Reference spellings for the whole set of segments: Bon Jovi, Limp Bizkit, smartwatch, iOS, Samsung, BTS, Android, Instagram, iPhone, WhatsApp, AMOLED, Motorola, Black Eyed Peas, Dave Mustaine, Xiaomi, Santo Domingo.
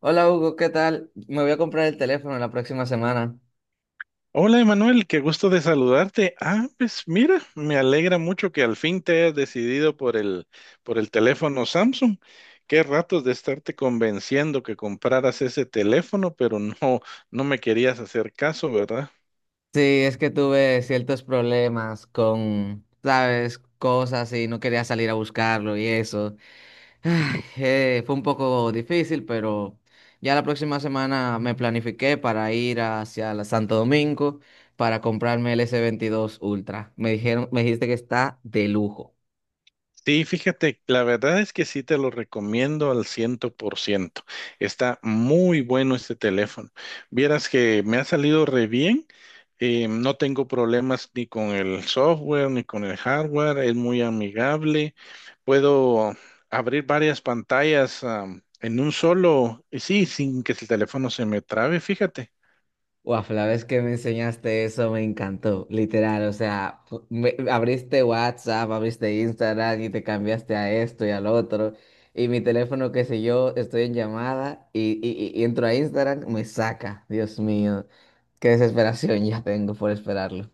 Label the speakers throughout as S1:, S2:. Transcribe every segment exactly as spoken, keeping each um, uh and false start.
S1: Hola Hugo, ¿qué tal? Me voy a comprar el teléfono la próxima semana.
S2: Hola Emanuel, qué gusto de saludarte. Ah, pues mira, me alegra mucho que al fin te hayas decidido por el, por el teléfono Samsung. Qué ratos de estarte convenciendo que compraras ese teléfono, pero no, no me querías hacer caso, ¿verdad?
S1: Sí, es que tuve ciertos problemas con, sabes, cosas y no quería salir a buscarlo y eso. Ay, eh, fue un poco difícil, pero ya la próxima semana me planifiqué para ir hacia la Santo Domingo para comprarme el s veintidós Ultra. Me dijeron, me dijiste que está de lujo.
S2: Sí, fíjate, la verdad es que sí te lo recomiendo al ciento por ciento. Está muy bueno este teléfono. Vieras que me ha salido re bien. Eh, no tengo problemas ni con el software ni con el hardware. Es muy amigable. Puedo abrir varias pantallas, am, en un solo, y sí, sin que el teléfono se me trabe, fíjate.
S1: Guau, la vez que me enseñaste eso me encantó, literal, o sea, fu- me- abriste WhatsApp, abriste Instagram y te cambiaste a esto y al otro, y mi teléfono, qué sé yo, estoy en llamada y, y, y y entro a Instagram, me saca, Dios mío, qué desesperación ya tengo por esperarlo,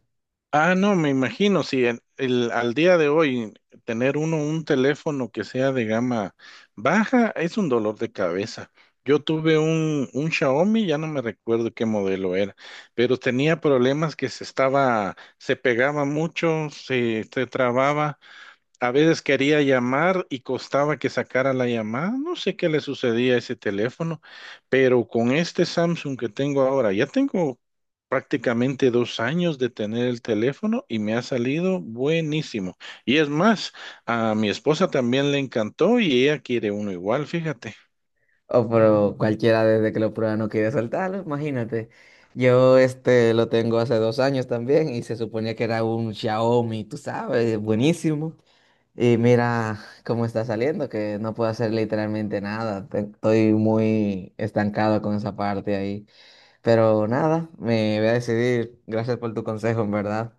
S2: Ah, no, me imagino, si en- el, al día de hoy tener uno un teléfono que sea de gama baja es un dolor de cabeza. Yo tuve un, un Xiaomi, ya no me recuerdo qué modelo era, pero tenía problemas que se estaba, se pegaba mucho, se, se trababa. A veces quería llamar y costaba que sacara la llamada. No sé qué le sucedía a ese teléfono, pero con este Samsung que tengo ahora, ya tengo prácticamente dos años de tener el teléfono y me ha salido buenísimo. Y es más, a mi esposa también le encantó y ella quiere uno igual, fíjate.
S1: o por cualquiera desde que lo prueba no quiere soltarlo, imagínate, yo este lo tengo hace dos años también y se suponía que era un Xiaomi, tú sabes, buenísimo. Y mira cómo está saliendo, que no puedo hacer literalmente nada. te- Estoy muy estancado con esa parte ahí. Pero nada, me voy a decidir. Gracias por tu consejo, en verdad.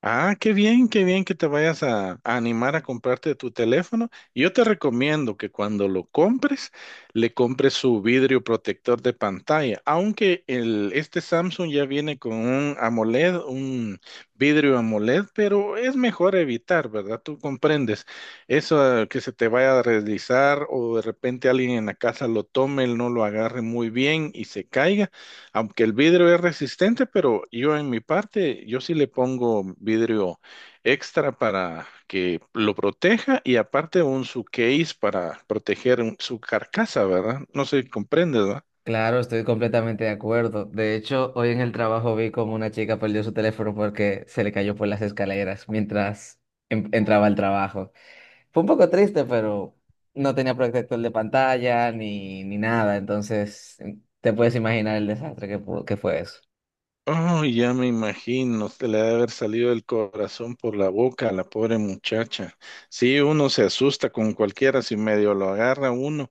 S2: Ah, qué bien, qué bien que te vayas a, a animar a comprarte tu teléfono. Y yo te recomiendo que cuando lo compres, le compres su vidrio protector de pantalla. Aunque el, este Samsung ya viene con un AMOLED, un vidrio AMOLED, pero es mejor evitar, ¿verdad? Tú comprendes eso eh, que se te vaya a deslizar o de repente alguien en la casa lo tome, él no lo agarre muy bien y se caiga. Aunque el vidrio es resistente, pero yo en mi parte, yo sí le pongo vidrio extra para que lo proteja y aparte un su case para proteger un- su carcasa, ¿verdad? No sé, si comprendes, ¿verdad?
S1: Claro, estoy completamente de acuerdo. De hecho, hoy en el trabajo vi como una chica perdió su teléfono porque se le cayó por las escaleras mientras en- entraba al trabajo. Fue un poco triste, pero no tenía protector de pantalla ni, ni nada. Entonces, em, te puedes imaginar el desastre que, pu- que fue eso.
S2: Oh, ya me imagino, se le ha de haber salido el corazón por la boca a la pobre muchacha. Sí, uno se asusta con cualquiera si medio lo agarra uno.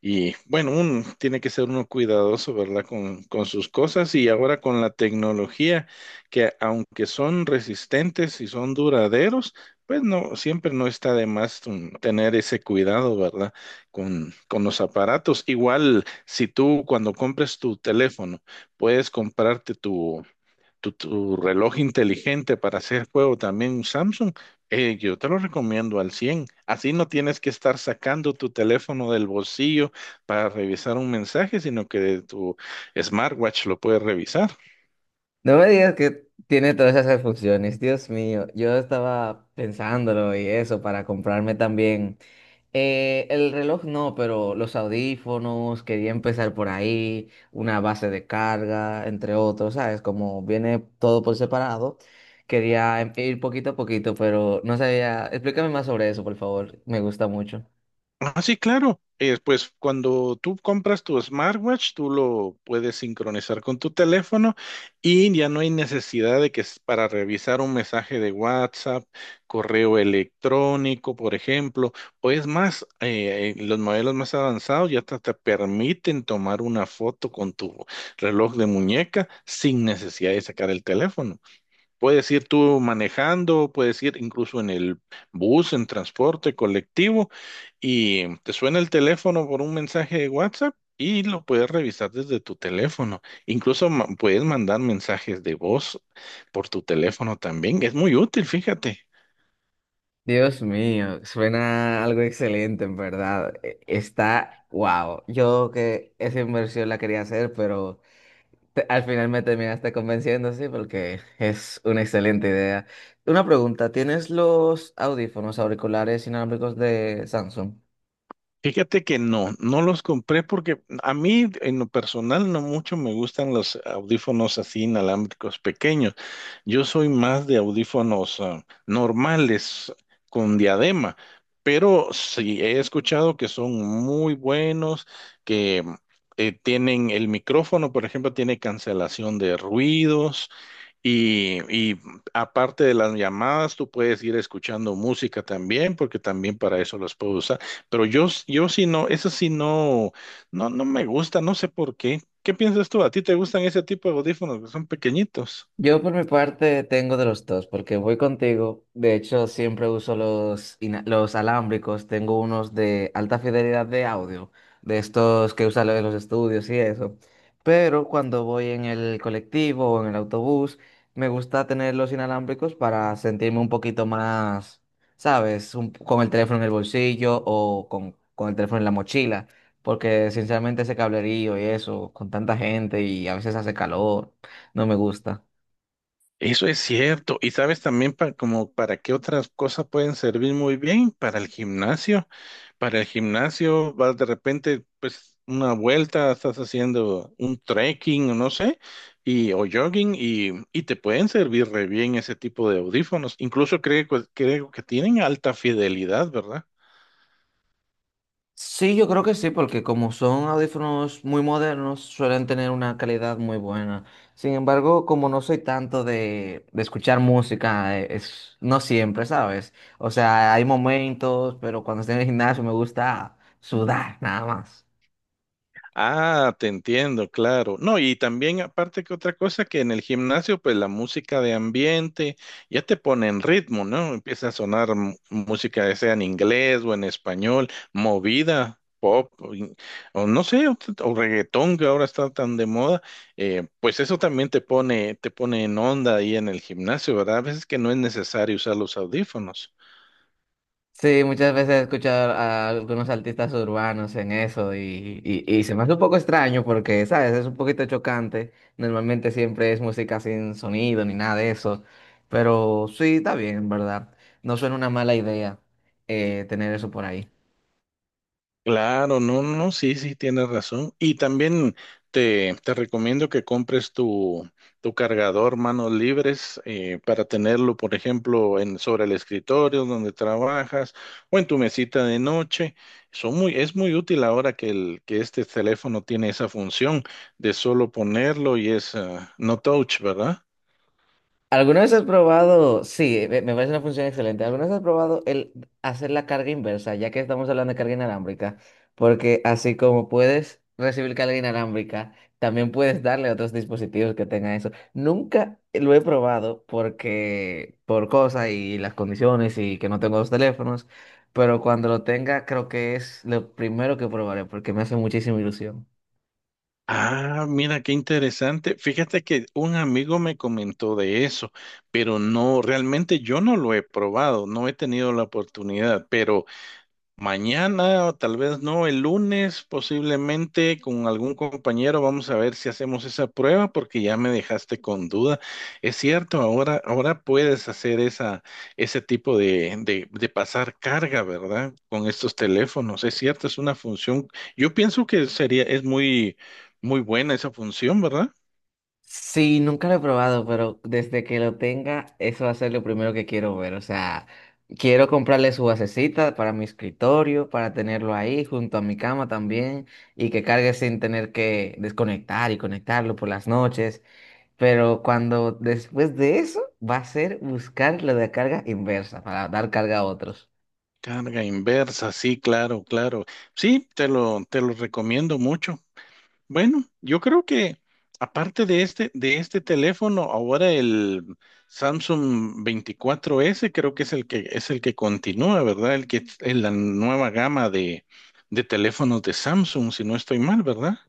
S2: Y bueno, uno tiene que ser uno cuidadoso, ¿verdad? Con, con sus cosas y ahora con la tecnología, que aunque son resistentes y son duraderos, pues no, siempre no está de más mm, tener ese cuidado, ¿verdad? Con, con los aparatos. Igual, si tú cuando compres tu teléfono, puedes comprarte tu, tu, tu reloj inteligente para hacer juego también, un Samsung, eh, yo te lo recomiendo al cien. Así no tienes que estar sacando tu teléfono del bolsillo para revisar un mensaje, sino que de tu smartwatch lo puedes revisar.
S1: No me digas que tiene todas esas funciones, Dios mío. Yo estaba pensándolo y eso para comprarme también. eh, el reloj no, pero los audífonos, quería empezar por ahí, una base de carga, entre otros, ¿sabes? Como viene todo por separado, quería em- ir poquito a poquito, pero no sabía. Explícame más sobre eso, por favor. Me gusta mucho.
S2: Ah, sí, claro. Eh, pues cuando tú compras tu smartwatch, tú lo puedes sincronizar con tu teléfono y ya no hay necesidad de que s- para revisar un mensaje de WhatsApp, correo electrónico, por ejemplo, o es más, eh, eh, los modelos más avanzados ya hasta te permiten tomar una foto con tu reloj de muñeca sin necesidad de sacar el teléfono. Puedes ir tú manejando, puedes ir incluso en el bus, en transporte colectivo, y te suena el teléfono por un mensaje de WhatsApp y lo puedes revisar desde tu teléfono. Incluso ma- puedes mandar mensajes de voz por tu teléfono también. Es muy útil, fíjate.
S1: Dios mío, suena algo excelente, en verdad. E- Está, wow. Yo que esa inversión la quería hacer, pero te- al final me terminaste convenciendo, sí, porque es una excelente idea. Una pregunta, ¿tienes los audífonos auriculares inalámbricos de Samsung?
S2: Fíjate que no, no los compré porque a mí en lo personal no mucho me gustan los audífonos así inalámbricos pequeños. Yo soy más de audífonos ah, normales con diadema, pero sí he escuchado que son muy buenos, que eh, tienen el micrófono, por ejemplo, tiene cancelación de ruidos y, y aparte de las llamadas, tú puedes ir escuchando música también, porque también para eso las puedo usar. Pero yo, s- yo sí no, eso sí no, no, no me gusta, no sé por qué. ¿Qué piensas tú? ¿A ti te gustan ese tipo de audífonos que son pequeñitos?
S1: Yo por mi parte tengo de los dos, porque voy contigo. De hecho, siempre uso los, ina- los alámbricos. Tengo unos de alta fidelidad de audio, de estos que usan en los estudios y eso. Pero cuando voy en el colectivo o en el autobús, me gusta tener los inalámbricos para sentirme un poquito más, ¿sabes? Un- con el teléfono en el bolsillo o con, con el teléfono en la mochila. Porque sinceramente ese cablerío y eso, con tanta gente y a veces hace calor, no me gusta.
S2: Eso es cierto. ¿Y sabes también pa- como para qué otras cosas pueden servir muy bien? Para el gimnasio. Para el gimnasio, vas de repente, pues una vuelta, estás haciendo un trekking, o no sé, y, o jogging, y, y te pueden servir re bien ese tipo de audífonos. Incluso creo, que- creo que tienen alta fidelidad, ¿verdad?
S1: Sí, yo creo que sí, porque como son audífonos muy modernos, suelen tener una calidad muy buena. Sin embargo, como no soy tanto de, de escuchar música, eh, es, no siempre, ¿sabes? O sea, hay momentos, pero cuando estoy en el gimnasio me gusta sudar, nada más.
S2: Ah, te entiendo, claro. No, y también aparte que otra cosa que en el gimnasio, pues la música de ambiente ya te pone en ritmo, ¿no? Empieza a sonar m- música, ya sea en inglés o en español, movida, pop, o, in- o no sé, o, o reggaetón que ahora está tan de moda, eh, pues eso también te pone, te pone en onda ahí en el gimnasio, ¿verdad? A veces que no es necesario usar los audífonos.
S1: Sí, muchas veces he escuchado a algunos artistas urbanos en eso y, y, y se me hace un poco extraño porque, ¿sabes? Es un poquito chocante. Normalmente siempre es música sin sonido ni nada de eso. Pero sí, está bien, en ¿verdad? No suena una mala idea eh, tener eso por ahí.
S2: Claro, no, no, no, sí, sí, tienes razón. Y también te, te recomiendo que compres tu, tu cargador manos libres eh, para tenerlo, por ejemplo, en, sobre el escritorio donde trabajas o en tu mesita de noche. Son muy, es muy útil ahora que, el, que este teléfono tiene esa función de solo ponerlo y es ah, no touch, ¿verdad?
S1: ¿Alguna vez has probado? Sí, me me parece una función excelente. ¿Alguna vez has probado el hacer la carga inversa, ya que estamos hablando de carga inalámbrica? Porque así como puedes recibir carga inalámbrica, también puedes darle a otros dispositivos que tengan eso. Nunca lo he probado porque por cosas y las condiciones y que no tengo dos teléfonos, pero cuando lo tenga creo que es lo primero que probaré porque me hace muchísima ilusión.
S2: Ah, mira, qué interesante. Fíjate que un amigo me comentó de eso, pero no, realmente yo no lo he probado, no he tenido la oportunidad, pero mañana, o tal vez no, el lunes, posiblemente con algún compañero, vamos a ver si hacemos esa prueba, porque ya me dejaste con duda. Es cierto, ahora, ahora puedes hacer esa, ese tipo de, de, de pasar carga, ¿verdad? Con estos teléfonos. Es cierto, es una función. Yo pienso que sería, es muy, muy buena esa función, ¿verdad?
S1: Sí, nunca lo he probado, pero desde que lo tenga, eso va a ser lo primero que quiero ver. O sea, quiero comprarle su basecita para mi escritorio, para tenerlo ahí junto a mi cama también y que cargue sin tener que desconectar y conectarlo por las noches. Pero cuando después de eso, va a ser buscar lo de carga inversa para dar carga a otros.
S2: Carga inversa, sí, claro, claro. Sí, te lo, te lo recomiendo mucho. Bueno, yo creo que aparte de este, de este teléfono, ahora el Samsung veinticuatro s creo que es el que es el que continúa, ¿verdad? El que es la nueva gama de, de teléfonos de Samsung, si no estoy mal, ¿verdad?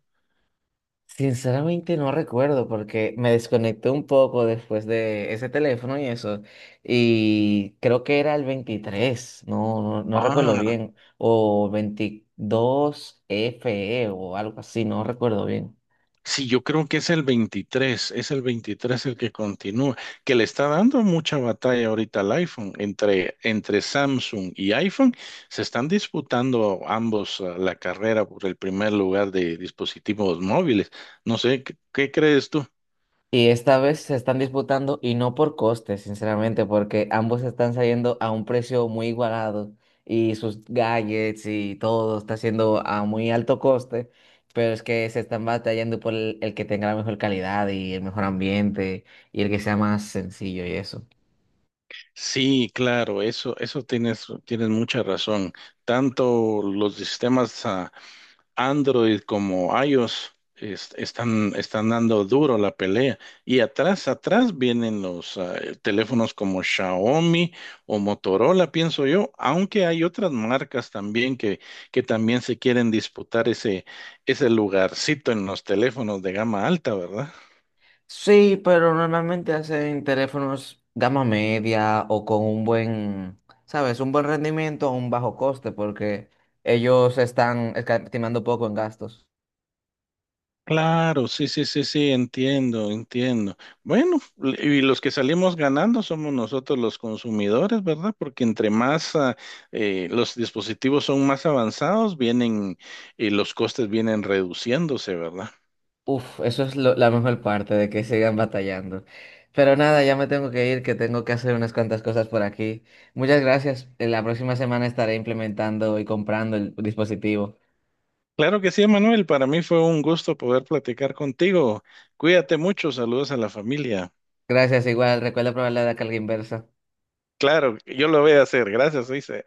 S1: Sinceramente no recuerdo porque me desconecté un poco después de ese teléfono y eso. Y creo que era el veintitrés no, no, no recuerdo
S2: Ah,
S1: bien. O veintidós F E o algo así, no recuerdo bien.
S2: sí, yo creo que es el veintitrés, es el veintitrés el que continúa, que le está dando mucha batalla ahorita al iPhone. Entre, entre Samsung y iPhone se están disputando ambos eh, la carrera por el primer lugar de dispositivos móviles. No sé, ¿qué, qué crees tú?
S1: Y esta vez se están disputando y no por costes, sinceramente, porque ambos están saliendo a un precio muy igualado y sus gadgets y todo está siendo a muy alto coste, pero es que se están batallando por el, el que tenga la mejor calidad y el mejor ambiente y el que sea más sencillo y eso.
S2: Sí, claro, eso, eso tienes, tienes mucha razón. Tanto los sistemas Android como iOS es- están, están dando duro la pelea. Y atrás, atrás vienen los ah, teléfonos como Xiaomi o Motorola, pienso yo, aunque hay otras marcas también que, que también se quieren disputar ese, ese lugarcito en los teléfonos de gama alta, ¿verdad?
S1: Sí, pero normalmente hacen teléfonos gama media o con un buen, ¿sabes? Un buen rendimiento a un bajo coste porque ellos están escatimando poco en gastos.
S2: Claro, sí, sí, sí, sí, entiendo, entiendo. Bueno, l- y los que salimos ganando somos nosotros los consumidores, ¿verdad? Porque entre más ah, eh, los dispositivos son más avanzados, vienen y los costes vienen reduciéndose, ¿verdad?
S1: Uf, eso es lo- la mejor parte de que sigan batallando. Pero nada, ya me tengo que ir, que tengo que hacer unas cuantas cosas por aquí. Muchas gracias. En la próxima semana estaré implementando y comprando el dispositivo.
S2: Claro que sí, Manuel, para mí fue un gusto poder platicar contigo. Cuídate mucho, saludos a la familia.
S1: Gracias, igual. Recuerda probar la carga inversa.
S2: Claro, yo lo voy a hacer. Gracias, dice.